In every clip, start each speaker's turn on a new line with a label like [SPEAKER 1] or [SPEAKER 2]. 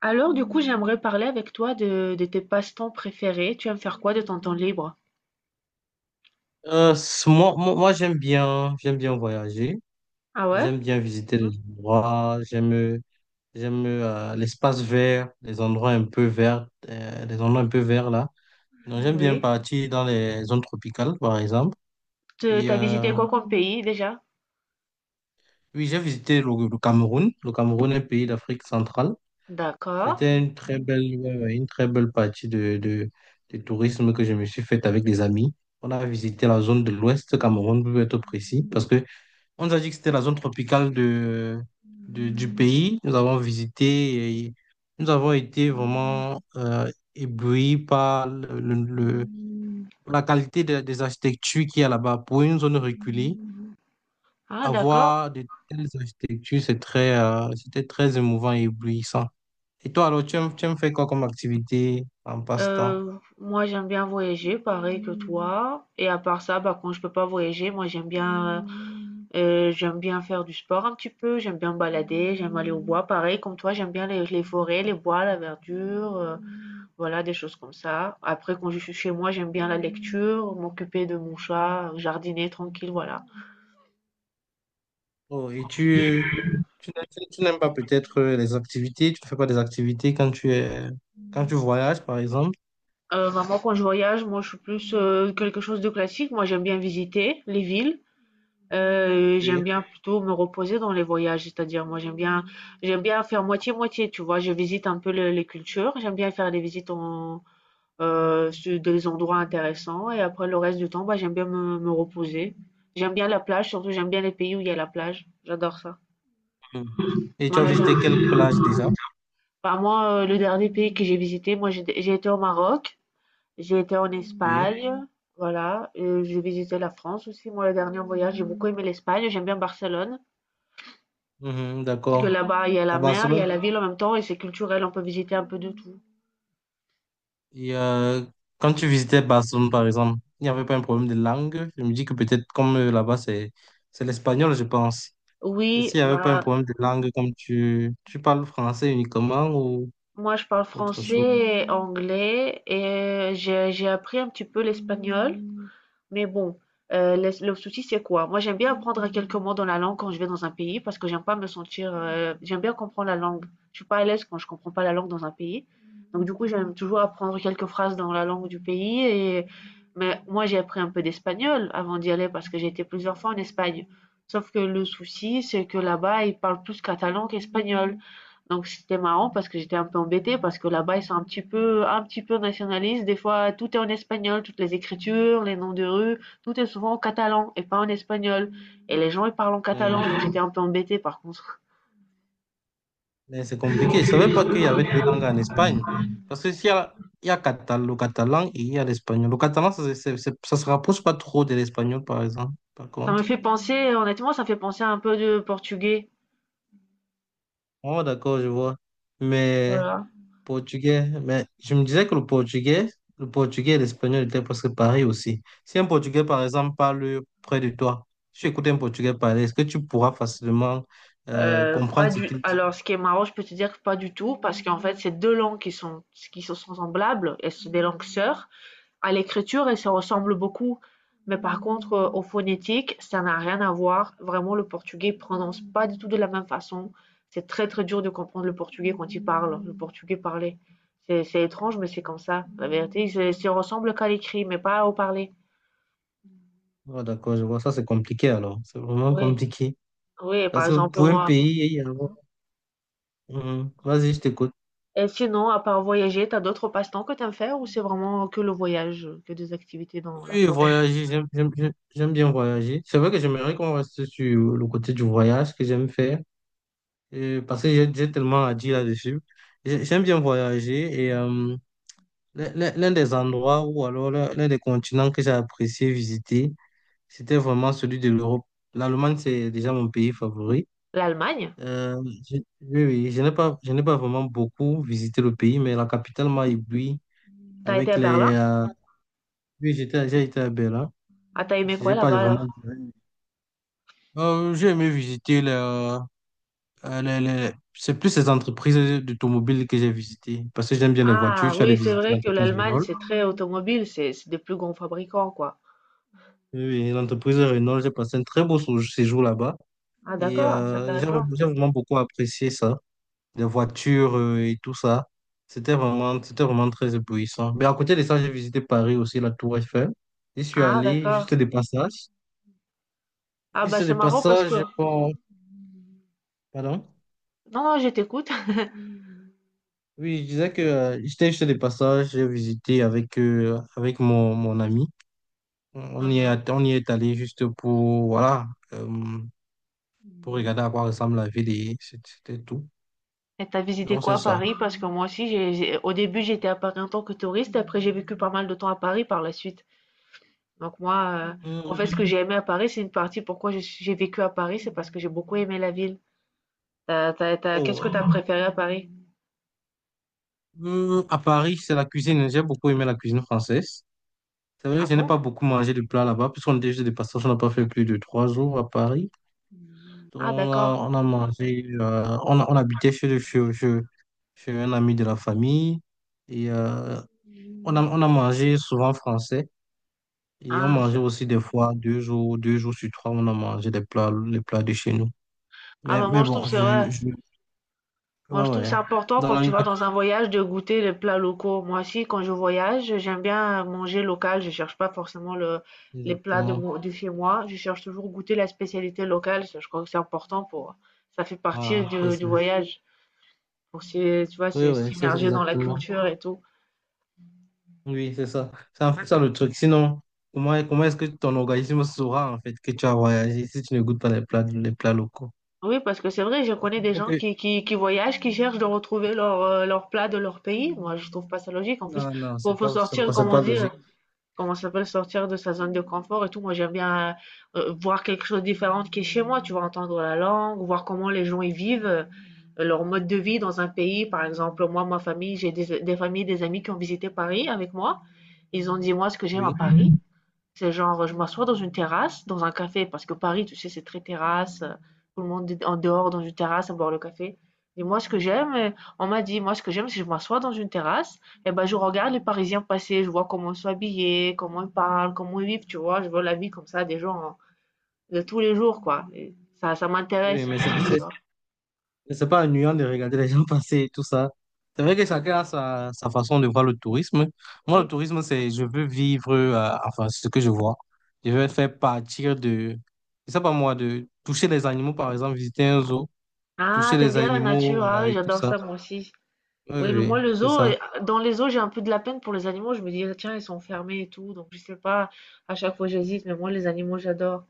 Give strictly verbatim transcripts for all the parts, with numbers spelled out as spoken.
[SPEAKER 1] Alors, du coup, j'aimerais parler avec toi de, de tes passe-temps préférés. Tu aimes faire quoi de ton temps libre?
[SPEAKER 2] Euh, s- moi, moi, moi, j'aime bien, j'aime bien voyager,
[SPEAKER 1] Ah ouais?
[SPEAKER 2] j'aime bien visiter
[SPEAKER 1] Mhm.
[SPEAKER 2] les endroits, j'aime, j'aime euh, l'espace vert, les endroits un peu verts, euh, les endroits un peu verts là. Donc j'aime bien
[SPEAKER 1] Oui.
[SPEAKER 2] partir dans les zones tropicales, par exemple.
[SPEAKER 1] Tu
[SPEAKER 2] Et
[SPEAKER 1] as visité
[SPEAKER 2] euh,
[SPEAKER 1] quoi comme pays déjà?
[SPEAKER 2] oui, j'ai visité le, le Cameroun. Le Cameroun est un pays d'Afrique centrale.
[SPEAKER 1] D'accord.
[SPEAKER 2] C'était une très belle, ouais, ouais, une très belle partie de, de, de tourisme que je me suis faite avec des amis. On a visité la zone de l'Ouest Cameroun, pour être précis, parce que on nous a dit que c'était la zone tropicale de, de- du pays. Nous avons visité et nous avons été vraiment euh, éblouis par le, le- le- la qualité de- des architectures qu'il y a là-bas. Pour une zone reculée,
[SPEAKER 1] Ah, d'accord.
[SPEAKER 2] avoir de telles architectures, c'est très, euh, c'était très émouvant et éblouissant. Et toi, alors, tu aimes, tu aimes faire quoi comme activité en passe-temps?
[SPEAKER 1] Euh, moi, j'aime bien voyager, pareil que toi. Et à part ça, bah, quand je peux pas voyager, moi, j'aime bien, euh, euh, j'aime bien faire du sport un petit peu. J'aime bien me balader. J'aime aller au bois, pareil comme toi. J'aime bien les, les forêts, les bois, la verdure. euh, Voilà, des choses comme ça. Après, quand je suis chez moi, j'aime bien la lecture, m'occuper de mon chat, jardiner tranquille, voilà.
[SPEAKER 2] Oh, et tu, tu, n'aimes tu- tu n'aimes pas peut-être euh, les activités, tu ne fais pas des activités quand tu es, quand tu voyages, par exemple?
[SPEAKER 1] Euh, vraiment, quand je voyage, moi, je suis plus euh, quelque chose de classique. Moi, j'aime bien visiter les villes. Euh, j'aime
[SPEAKER 2] Oui.
[SPEAKER 1] bien plutôt me reposer dans les voyages, c'est-à-dire moi j'aime bien j'aime bien faire moitié-moitié, tu vois, je visite un peu le- les cultures, j'aime bien faire des visites en euh, sur des endroits intéressants et après le reste du temps, bah j'aime bien me, me reposer. J'aime bien la plage, surtout j'aime bien les pays où il y a la plage, j'adore ça.
[SPEAKER 2] Mhm. Et tu
[SPEAKER 1] Moi,
[SPEAKER 2] as
[SPEAKER 1] la-
[SPEAKER 2] visité
[SPEAKER 1] plage.
[SPEAKER 2] quelle plage déjà?
[SPEAKER 1] Bah, moi, heu, le dernier pays que j'ai visité, moi, j'ai dé j'ai été au Maroc, j'ai été en Mmh.
[SPEAKER 2] Oui.
[SPEAKER 1] Espagne, voilà, heu, j'ai visité la France aussi. Moi, le dernier voyage, j'ai beaucoup aimé l'Espagne, j'aime bien Barcelone
[SPEAKER 2] Mhm,
[SPEAKER 1] parce que
[SPEAKER 2] d'accord.
[SPEAKER 1] là-bas, il y a la
[SPEAKER 2] À
[SPEAKER 1] mer, il y
[SPEAKER 2] Barcelone,
[SPEAKER 1] a la ville en même temps et c'est culturel, on peut visiter un peu de tout.
[SPEAKER 2] et euh, quand tu visitais Barcelone, par exemple, il n'y avait pas un problème de langue. Je me dis que peut-être comme euh, là-bas, c'est c'est l'espagnol, je pense. Est-ce
[SPEAKER 1] Oui,
[SPEAKER 2] qu'il n'y avait pas un
[SPEAKER 1] bah
[SPEAKER 2] problème de langue comme tu, tu parles français uniquement ou
[SPEAKER 1] moi, je parle
[SPEAKER 2] autre chose?
[SPEAKER 1] français, et anglais et euh, j'ai j'ai appris un petit peu l'espagnol. Mais bon, euh, le, le souci, c'est quoi? Moi, j'aime bien apprendre à quelques mots dans la langue quand je vais dans un pays parce que j'aime pas me sentir. euh, J'aime bien comprendre la langue. Je suis pas à l'aise quand je comprends pas la langue dans un pays. Donc, du coup, j'aime toujours apprendre quelques phrases dans la langue du pays. Et... Mais moi, j'ai appris un peu d'espagnol avant d'y aller parce que j'ai été plusieurs fois en Espagne. Sauf que le souci, c'est que là-bas, ils parlent plus catalan qu'espagnol. Donc c'était marrant parce que j'étais un peu embêtée parce que là-bas ils sont un petit peu un petit peu nationalistes. Des fois tout est en espagnol, toutes les écritures, les noms de rue, tout est souvent en catalan et pas en espagnol. Et les gens ils parlent en
[SPEAKER 2] Ouais.
[SPEAKER 1] catalan, donc j'étais un peu embêtée par contre.
[SPEAKER 2] Mais c'est compliqué. Je ne savais pas qu'il y avait deux langues en Espagne. Parce que s'il y a, il y a catal- le catalan et il y a l'espagnol. Le catalan, ça ne se rapproche pas trop de l'espagnol, par exemple, par
[SPEAKER 1] Ça me
[SPEAKER 2] contre.
[SPEAKER 1] fait penser, honnêtement, ça me fait penser un peu de portugais.
[SPEAKER 2] Oh, d'accord, je vois. Mais
[SPEAKER 1] Voilà.
[SPEAKER 2] portugais, mais je me disais que le portugais, le portugais et l'espagnol étaient presque pareils aussi. Si un portugais, par exemple, parle près de toi, si tu écoutes un portugais parler, est-ce que tu pourras facilement euh,
[SPEAKER 1] Euh, pas
[SPEAKER 2] comprendre ce
[SPEAKER 1] du.
[SPEAKER 2] qu'il dit?
[SPEAKER 1] Alors, ce qui est marrant, je peux te dire que pas du tout, parce qu'en fait, c'est deux langues qui sont qui sont semblables. Elles sont des langues sœurs. À l'écriture, ils se ressemblent beaucoup. Mais par contre, euh, au phonétique, ça n'a rien à voir. Vraiment, le portugais prononce pas du tout de la même façon. C'est très, très dur de comprendre le portugais quand il parle, le portugais parlé. C'est étrange, mais c'est comme ça. La vérité, ils se, se ressemblent qu'à l'écrit, mais pas au parler.
[SPEAKER 2] Oh, d'accord, je vois. Ça, c'est compliqué alors. C'est vraiment
[SPEAKER 1] Oui,
[SPEAKER 2] compliqué.
[SPEAKER 1] oui, par
[SPEAKER 2] Parce que
[SPEAKER 1] exemple,
[SPEAKER 2] pour un
[SPEAKER 1] moi.
[SPEAKER 2] pays, il y a. Mhm. Vas-y, je t'écoute.
[SPEAKER 1] Et sinon, à part voyager, t'as d'autres passe-temps que t'aimes faire ou c'est vraiment que le voyage, que des activités dans la
[SPEAKER 2] Oui,
[SPEAKER 1] forêt?
[SPEAKER 2] voyager, j'aime j'aime- j'aime- j'aime bien voyager. C'est vrai que j'aimerais qu'on reste sur le côté du voyage que j'aime faire. Euh, parce que j'ai j'ai tellement à dire là-dessus. J'ai- J'aime bien voyager et euh, l'un l'un- l'un des endroits ou alors l'un l'un des continents que j'ai apprécié visiter, c'était vraiment celui de l'Europe. L'Allemagne, c'est déjà mon pays favori.
[SPEAKER 1] L'Allemagne?
[SPEAKER 2] Euh, je- oui, oui, je n'ai pas, je n'ai pas vraiment beaucoup visité le pays, mais la capitale m'a ébloui
[SPEAKER 1] T'as été
[SPEAKER 2] avec
[SPEAKER 1] à
[SPEAKER 2] les...
[SPEAKER 1] Berlin?
[SPEAKER 2] euh, Oui, j'étais, j'ai été à Berlin.
[SPEAKER 1] Ah, t'as aimé quoi
[SPEAKER 2] J'ai pas
[SPEAKER 1] là-bas alors?
[SPEAKER 2] vraiment. Euh, j'ai aimé visiter Euh, les- les- C'est plus les entreprises d'automobile que j'ai visitées parce que j'aime bien les voitures.
[SPEAKER 1] Ah
[SPEAKER 2] Je suis allé
[SPEAKER 1] oui, c'est
[SPEAKER 2] visiter
[SPEAKER 1] vrai que
[SPEAKER 2] l'entreprise
[SPEAKER 1] l'Allemagne,
[SPEAKER 2] Renault.
[SPEAKER 1] c'est très automobile, c'est c'est des plus grands fabricants, quoi.
[SPEAKER 2] Oui, oui, l'entreprise Renault, j'ai passé un très beau sou- séjour là-bas
[SPEAKER 1] Ah
[SPEAKER 2] et
[SPEAKER 1] d'accord, c'est
[SPEAKER 2] euh, j'ai
[SPEAKER 1] intéressant.
[SPEAKER 2] j'ai vraiment beaucoup apprécié ça, les voitures euh, et tout ça. C'était vraiment, c'était vraiment très éblouissant. Mais à côté de ça, j'ai visité Paris aussi, la Tour Eiffel. Je suis
[SPEAKER 1] Ah
[SPEAKER 2] allé
[SPEAKER 1] d'accord.
[SPEAKER 2] juste des passages.
[SPEAKER 1] Ah bah
[SPEAKER 2] Juste
[SPEAKER 1] c'est
[SPEAKER 2] des
[SPEAKER 1] marrant parce
[SPEAKER 2] passages,
[SPEAKER 1] que...
[SPEAKER 2] j'ai pas- pardon.
[SPEAKER 1] Non, non, je t'écoute.
[SPEAKER 2] Oui, je disais que euh, j'étais juste des passages, j'ai visité avec, euh, avec mon, mon ami. On y
[SPEAKER 1] Mhm.
[SPEAKER 2] est, on y est allé juste pour, voilà, euh, pour regarder à quoi ressemble la ville et c'est- c'était tout.
[SPEAKER 1] Et t'as visité
[SPEAKER 2] Donc,
[SPEAKER 1] quoi
[SPEAKER 2] c'est
[SPEAKER 1] à
[SPEAKER 2] ça.
[SPEAKER 1] Paris? Parce que moi aussi, j'ai, j'ai- au début, j'étais à Paris en tant que touriste, après j'ai vécu pas mal de temps à Paris par la suite. Donc moi, euh, en
[SPEAKER 2] Hum,
[SPEAKER 1] fait, ce que j'ai aimé à Paris, c'est une partie pourquoi je suis- j'ai vécu à Paris, c'est parce que j'ai beaucoup aimé la ville. T'as- t'as- t'as- qu'est-ce
[SPEAKER 2] oh,
[SPEAKER 1] que t'as préféré à Paris?
[SPEAKER 2] hum, à Paris, c'est la cuisine. J'ai beaucoup aimé la cuisine française. C'est vrai
[SPEAKER 1] Ah
[SPEAKER 2] que je n'ai
[SPEAKER 1] bon?
[SPEAKER 2] pas beaucoup mangé de plats là-bas, puisqu'on était juste des passages, on n'a pas fait plus de trois jours à Paris. Donc,
[SPEAKER 1] Ah
[SPEAKER 2] on
[SPEAKER 1] d'accord.
[SPEAKER 2] a, on a mangé, euh, on, a- on habitait chez, le- chez, chez- chez un ami de la famille et euh, on a, on a mangé souvent français. Et on
[SPEAKER 1] Ah,
[SPEAKER 2] mangeait
[SPEAKER 1] ça-
[SPEAKER 2] aussi des fois, deux jours, deux jours sur trois, on a mangé des plats, les plats de chez nous.
[SPEAKER 1] ah
[SPEAKER 2] Mais,
[SPEAKER 1] bah
[SPEAKER 2] mais
[SPEAKER 1] moi je trouve
[SPEAKER 2] bon,
[SPEAKER 1] que c'est
[SPEAKER 2] je,
[SPEAKER 1] vrai.
[SPEAKER 2] je,
[SPEAKER 1] Moi, je
[SPEAKER 2] ouais,
[SPEAKER 1] trouve que c'est
[SPEAKER 2] ouais.
[SPEAKER 1] important
[SPEAKER 2] Dans
[SPEAKER 1] quand
[SPEAKER 2] la
[SPEAKER 1] tu
[SPEAKER 2] nuit,
[SPEAKER 1] vas dans un voyage de goûter les plats locaux. Moi aussi, quand je voyage, j'aime bien manger local. Je cherche pas forcément le, les plats de,
[SPEAKER 2] exactement.
[SPEAKER 1] mo- de chez moi. Je cherche toujours goûter la spécialité locale. Ça, je crois que c'est important pour, ça fait partie
[SPEAKER 2] Voilà, c'est
[SPEAKER 1] du, du
[SPEAKER 2] ça.
[SPEAKER 1] voyage. Pour, s'y- tu vois,
[SPEAKER 2] Oui,
[SPEAKER 1] s'y-
[SPEAKER 2] oui, c'est ça,
[SPEAKER 1] s'immerger dans la
[SPEAKER 2] exactement.
[SPEAKER 1] culture et tout.
[SPEAKER 2] Oui, c'est ça. C'est en fait ça le truc. Sinon, comment, comment est-ce que ton organisme saura en fait que tu as voyagé si tu ne goûtes pas les plats, les plats locaux?
[SPEAKER 1] Oui, parce que c'est vrai, je
[SPEAKER 2] Parce
[SPEAKER 1] connais
[SPEAKER 2] qu'il
[SPEAKER 1] des
[SPEAKER 2] faut
[SPEAKER 1] gens
[SPEAKER 2] que-
[SPEAKER 1] qui, qui, qui voyagent, qui cherchent de retrouver leur, euh, leur plat de leur pays. Moi, je trouve pas ça logique. En plus,
[SPEAKER 2] Non, non,
[SPEAKER 1] faut,
[SPEAKER 2] c'est
[SPEAKER 1] faut
[SPEAKER 2] pas, c'est
[SPEAKER 1] sortir,
[SPEAKER 2] pas,
[SPEAKER 1] comme
[SPEAKER 2] c'est
[SPEAKER 1] on
[SPEAKER 2] pas
[SPEAKER 1] dit.
[SPEAKER 2] logique.
[SPEAKER 1] Comment ça s'appelle? Sortir de sa zone de confort et tout. Moi, j'aime bien euh, voir quelque chose de différent qui est chez moi. Tu vois, entendre la langue, voir comment les gens y vivent, euh, leur mode de vie dans un pays. Par exemple, moi, ma famille, j'ai des, des familles, des amis qui ont visité Paris avec moi. Ils ont dit, moi, ce que j'aime à
[SPEAKER 2] Oui,
[SPEAKER 1] Paris, c'est genre, je m'assois dans une terrasse, dans un café, parce que Paris, tu sais, c'est très terrasse. euh, Tout le monde est en dehors dans une terrasse à boire le café. Et moi, ce que j'aime, euh, on m'a dit, moi, ce que j'aime, c'est que je m'assois dans une terrasse, et ben, je regarde les Parisiens passer, je vois comment ils sont habillés, comment ils parlent, comment ils vivent, tu vois. Je vois la vie comme ça des gens hein, de tous les jours, quoi. Et ça, ça m'intéresse.
[SPEAKER 2] oui, mais c'est
[SPEAKER 1] Tu
[SPEAKER 2] c'est-
[SPEAKER 1] vois.
[SPEAKER 2] c'est pas ennuyant de regarder les gens passer et tout ça. C'est vrai que
[SPEAKER 1] Ouais.
[SPEAKER 2] chacun a sa, sa façon de voir le tourisme. Moi, le
[SPEAKER 1] Oui.
[SPEAKER 2] tourisme, c'est je veux vivre, euh, enfin, ce que je vois. Je veux faire partir de, je sais pas moi, de toucher les animaux, par exemple, visiter un zoo,
[SPEAKER 1] Ah,
[SPEAKER 2] toucher
[SPEAKER 1] t'aimes
[SPEAKER 2] les
[SPEAKER 1] bien la
[SPEAKER 2] animaux
[SPEAKER 1] nature, ah
[SPEAKER 2] euh,
[SPEAKER 1] oui,
[SPEAKER 2] et tout
[SPEAKER 1] j'adore
[SPEAKER 2] ça.
[SPEAKER 1] ça, moi aussi.
[SPEAKER 2] Oui,
[SPEAKER 1] Oui, mais moi,
[SPEAKER 2] oui,
[SPEAKER 1] le
[SPEAKER 2] c'est
[SPEAKER 1] zoo,
[SPEAKER 2] ça.
[SPEAKER 1] euh, dans les zoos, j'ai un peu de la peine pour les animaux. Je me dis, ah, tiens, ils sont fermés et tout. Donc, je sais pas, à chaque fois, j'hésite. Mais moi, les animaux, j'adore.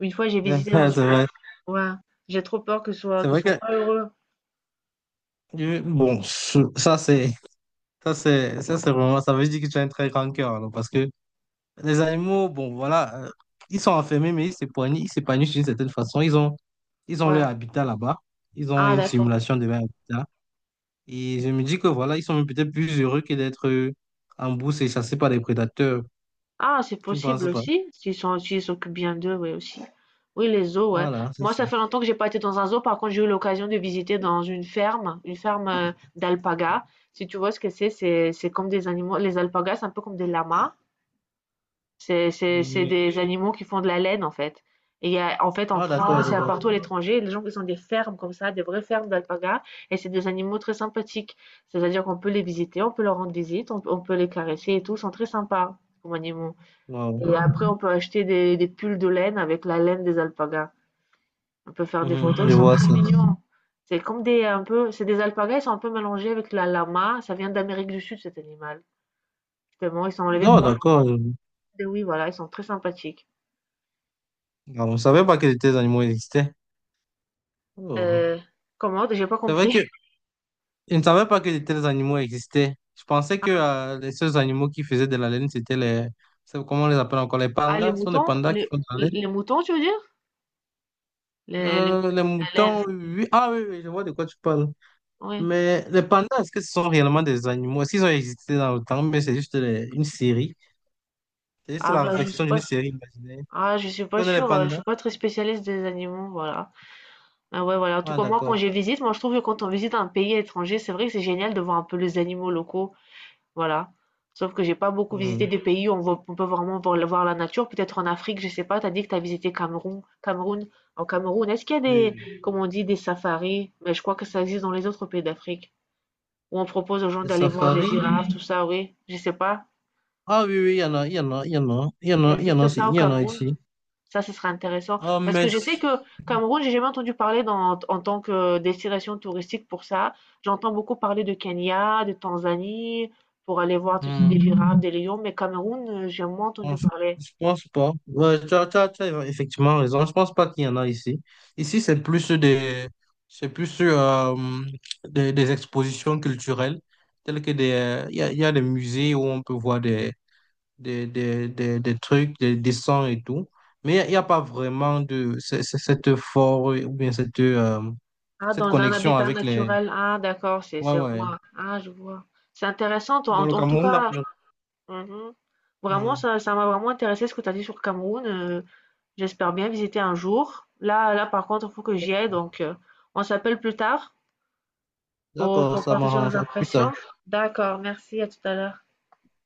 [SPEAKER 1] Une fois, j'ai visité dans
[SPEAKER 2] Ouais,
[SPEAKER 1] une...
[SPEAKER 2] c'est vrai.
[SPEAKER 1] Ouais, j'ai trop peur que ce soit...
[SPEAKER 2] C'est
[SPEAKER 1] qu'ils
[SPEAKER 2] vrai
[SPEAKER 1] soient
[SPEAKER 2] que,
[SPEAKER 1] pas heureux.
[SPEAKER 2] je- bon, ça, c'est, ça, c'est, ça, c'est vraiment, ça veut dire que tu as un très grand cœur, alors, parce que les animaux, bon, voilà, euh, ils sont enfermés, mais ils s'épanouissent, ils s'épanouissent d'une certaine façon. Ils ont, ils ont
[SPEAKER 1] Ouais.
[SPEAKER 2] leur habitat là-bas. Ils ont
[SPEAKER 1] Ah,
[SPEAKER 2] une
[SPEAKER 1] d'accord.
[SPEAKER 2] simulation de leur habitat. Et je me dis que voilà, ils sont même peut-être plus heureux que d'être euh, en bourse et chassés par des prédateurs.
[SPEAKER 1] Ah, c'est
[SPEAKER 2] Tu ne
[SPEAKER 1] possible
[SPEAKER 2] penses pas?
[SPEAKER 1] aussi. S'ils sont... S'ils s'occupent bien d'eux, oui, aussi. Oui, les zoos, ouais.
[SPEAKER 2] Voilà, c'est
[SPEAKER 1] Moi,
[SPEAKER 2] ça.
[SPEAKER 1] ça fait longtemps que j'ai pas été dans un zoo. Par contre, j'ai eu l'occasion de visiter dans une ferme, une ferme euh, d'alpagas. Si tu vois ce que c'est, c'est c'est comme des animaux. Les alpagas, c'est un peu comme des lamas. C'est c'est c'est
[SPEAKER 2] Mhm.
[SPEAKER 1] des animaux qui font de la laine, en fait. Et il y a en fait, en
[SPEAKER 2] Ah, d'accord,
[SPEAKER 1] France,
[SPEAKER 2] je
[SPEAKER 1] il y a
[SPEAKER 2] vois.
[SPEAKER 1] partout à l'étranger, les gens qui ont des fermes comme ça, des vraies fermes d'alpagas, et c'est des animaux très sympathiques. C'est-à-dire qu'on peut les visiter, on peut leur rendre visite, on, on peut les caresser et tout, ils sont très sympas comme animaux.
[SPEAKER 2] Wow.
[SPEAKER 1] Et après, on peut acheter des, des pulls de laine avec la laine des alpagas. On peut faire des photos,
[SPEAKER 2] Mhm, je
[SPEAKER 1] ils sont
[SPEAKER 2] vois
[SPEAKER 1] très
[SPEAKER 2] ça.
[SPEAKER 1] mignons. C'est comme des un peu, c'est des alpagas, ils sont un peu mélangés avec la lama. Ça vient d'Amérique du Sud, cet animal. Justement, ils sont enlevés
[SPEAKER 2] Non,
[SPEAKER 1] pour.
[SPEAKER 2] d'accord. Je vois.
[SPEAKER 1] Oui, voilà, ils sont très sympathiques.
[SPEAKER 2] Ah, on ne savait pas que les animaux existaient. Oh.
[SPEAKER 1] Heu, comment? J'ai pas
[SPEAKER 2] C'est vrai
[SPEAKER 1] compris.
[SPEAKER 2] que je ne savais pas que de tels animaux existaient. Je pensais que euh, les seuls animaux qui faisaient de la laine, c'était les... c'est- Comment on les appelle encore? Les
[SPEAKER 1] Ah les
[SPEAKER 2] pandas. Ce sont les
[SPEAKER 1] moutons?
[SPEAKER 2] pandas qui
[SPEAKER 1] Les
[SPEAKER 2] font de la laine.
[SPEAKER 1] les moutons tu veux dire? Les les moutons,
[SPEAKER 2] Euh, les
[SPEAKER 1] la laine,
[SPEAKER 2] moutons, oui. Ah oui, oui, je vois de quoi tu parles.
[SPEAKER 1] oui.
[SPEAKER 2] Mais les pandas, est-ce que ce sont réellement des animaux? Est-ce qu'ils ont existé dans le temps? Mais c'est juste les- une série. C'est juste
[SPEAKER 1] Ah
[SPEAKER 2] la
[SPEAKER 1] bah je suis
[SPEAKER 2] réflexion d'une
[SPEAKER 1] pas
[SPEAKER 2] série imaginaire. Tu
[SPEAKER 1] ah je suis pas
[SPEAKER 2] connais les
[SPEAKER 1] sûre, heu, je
[SPEAKER 2] pandas?
[SPEAKER 1] suis pas très spécialiste des animaux, voilà. Ah ouais, voilà, en tout
[SPEAKER 2] Ah
[SPEAKER 1] cas moi quand
[SPEAKER 2] d'accord.
[SPEAKER 1] je visite, moi je trouve que quand on visite un pays étranger, c'est vrai que c'est génial de voir un peu les animaux locaux, voilà. Sauf que j'ai pas beaucoup visité
[SPEAKER 2] Mhm.
[SPEAKER 1] des pays où on voit on peut vraiment voir la voir la nature, peut-être en Afrique, je sais pas. T'as dit que t'as visité Cameroun Cameroun. En Cameroun, est-ce qu'il y a
[SPEAKER 2] Oui,
[SPEAKER 1] des,
[SPEAKER 2] oui.
[SPEAKER 1] comme on dit, des safaris? Mais je crois que ça existe dans les autres pays d'Afrique, où on propose aux gens
[SPEAKER 2] Les
[SPEAKER 1] d'aller voir des
[SPEAKER 2] safaris?
[SPEAKER 1] girafes, tout ça, oui. Je sais pas.
[SPEAKER 2] Ah oui, oui, il y en a, il y en a, il y en a, il y en
[SPEAKER 1] Il
[SPEAKER 2] a, il y en a,
[SPEAKER 1] existe
[SPEAKER 2] aussi-
[SPEAKER 1] ça au
[SPEAKER 2] il y en a
[SPEAKER 1] Cameroun?
[SPEAKER 2] ici.
[SPEAKER 1] Ça, ce serait intéressant.
[SPEAKER 2] Ah
[SPEAKER 1] Parce que je sais
[SPEAKER 2] mais...
[SPEAKER 1] que Cameroun, j'ai jamais entendu parler dans- en tant que destination touristique pour ça. J'entends beaucoup parler de Kenya, de Tanzanie, pour aller voir, tu sais, des
[SPEAKER 2] Hmm.
[SPEAKER 1] girafes, des lions, mais Cameroun, euh, j'ai moins entendu
[SPEAKER 2] Non, Je
[SPEAKER 1] parler.
[SPEAKER 2] je pense pas. Ouais, tu as, tu as- tu as effectivement raison. Je pense pas qu'il y en a ici. Ici, c'est plus des, c'est plus euh, des, des expositions culturelles, telles que des, il y a, il y a des musées où on peut voir des, des, des, des, des trucs, des dessins et tout. Mais il n'y a, il y a pas vraiment de c'est- c'est- cette force ou bien cette, euh,
[SPEAKER 1] Ah,
[SPEAKER 2] cette
[SPEAKER 1] dans un
[SPEAKER 2] connexion
[SPEAKER 1] habitat
[SPEAKER 2] avec les.
[SPEAKER 1] naturel. Ah, d'accord, c'est,
[SPEAKER 2] Ouais,
[SPEAKER 1] c'est
[SPEAKER 2] ouais.
[SPEAKER 1] moi. Ah, je vois. C'est intéressant, toi. En,
[SPEAKER 2] Dans le
[SPEAKER 1] en tout
[SPEAKER 2] Cameroun, là,
[SPEAKER 1] cas,
[SPEAKER 2] non.
[SPEAKER 1] mhm. Vraiment,
[SPEAKER 2] Hmm.
[SPEAKER 1] ça, ça m'a vraiment intéressé ce que tu as dit sur Cameroun. euh, J'espère bien visiter un jour. Là, là, par contre, il faut que j'y aille. Donc, euh, on s'appelle plus tard pour,
[SPEAKER 2] D'accord,
[SPEAKER 1] pour
[SPEAKER 2] ça
[SPEAKER 1] partager nos
[SPEAKER 2] m'arrange. À plus
[SPEAKER 1] impressions.
[SPEAKER 2] tard.
[SPEAKER 1] D'accord, merci, à tout à l'heure.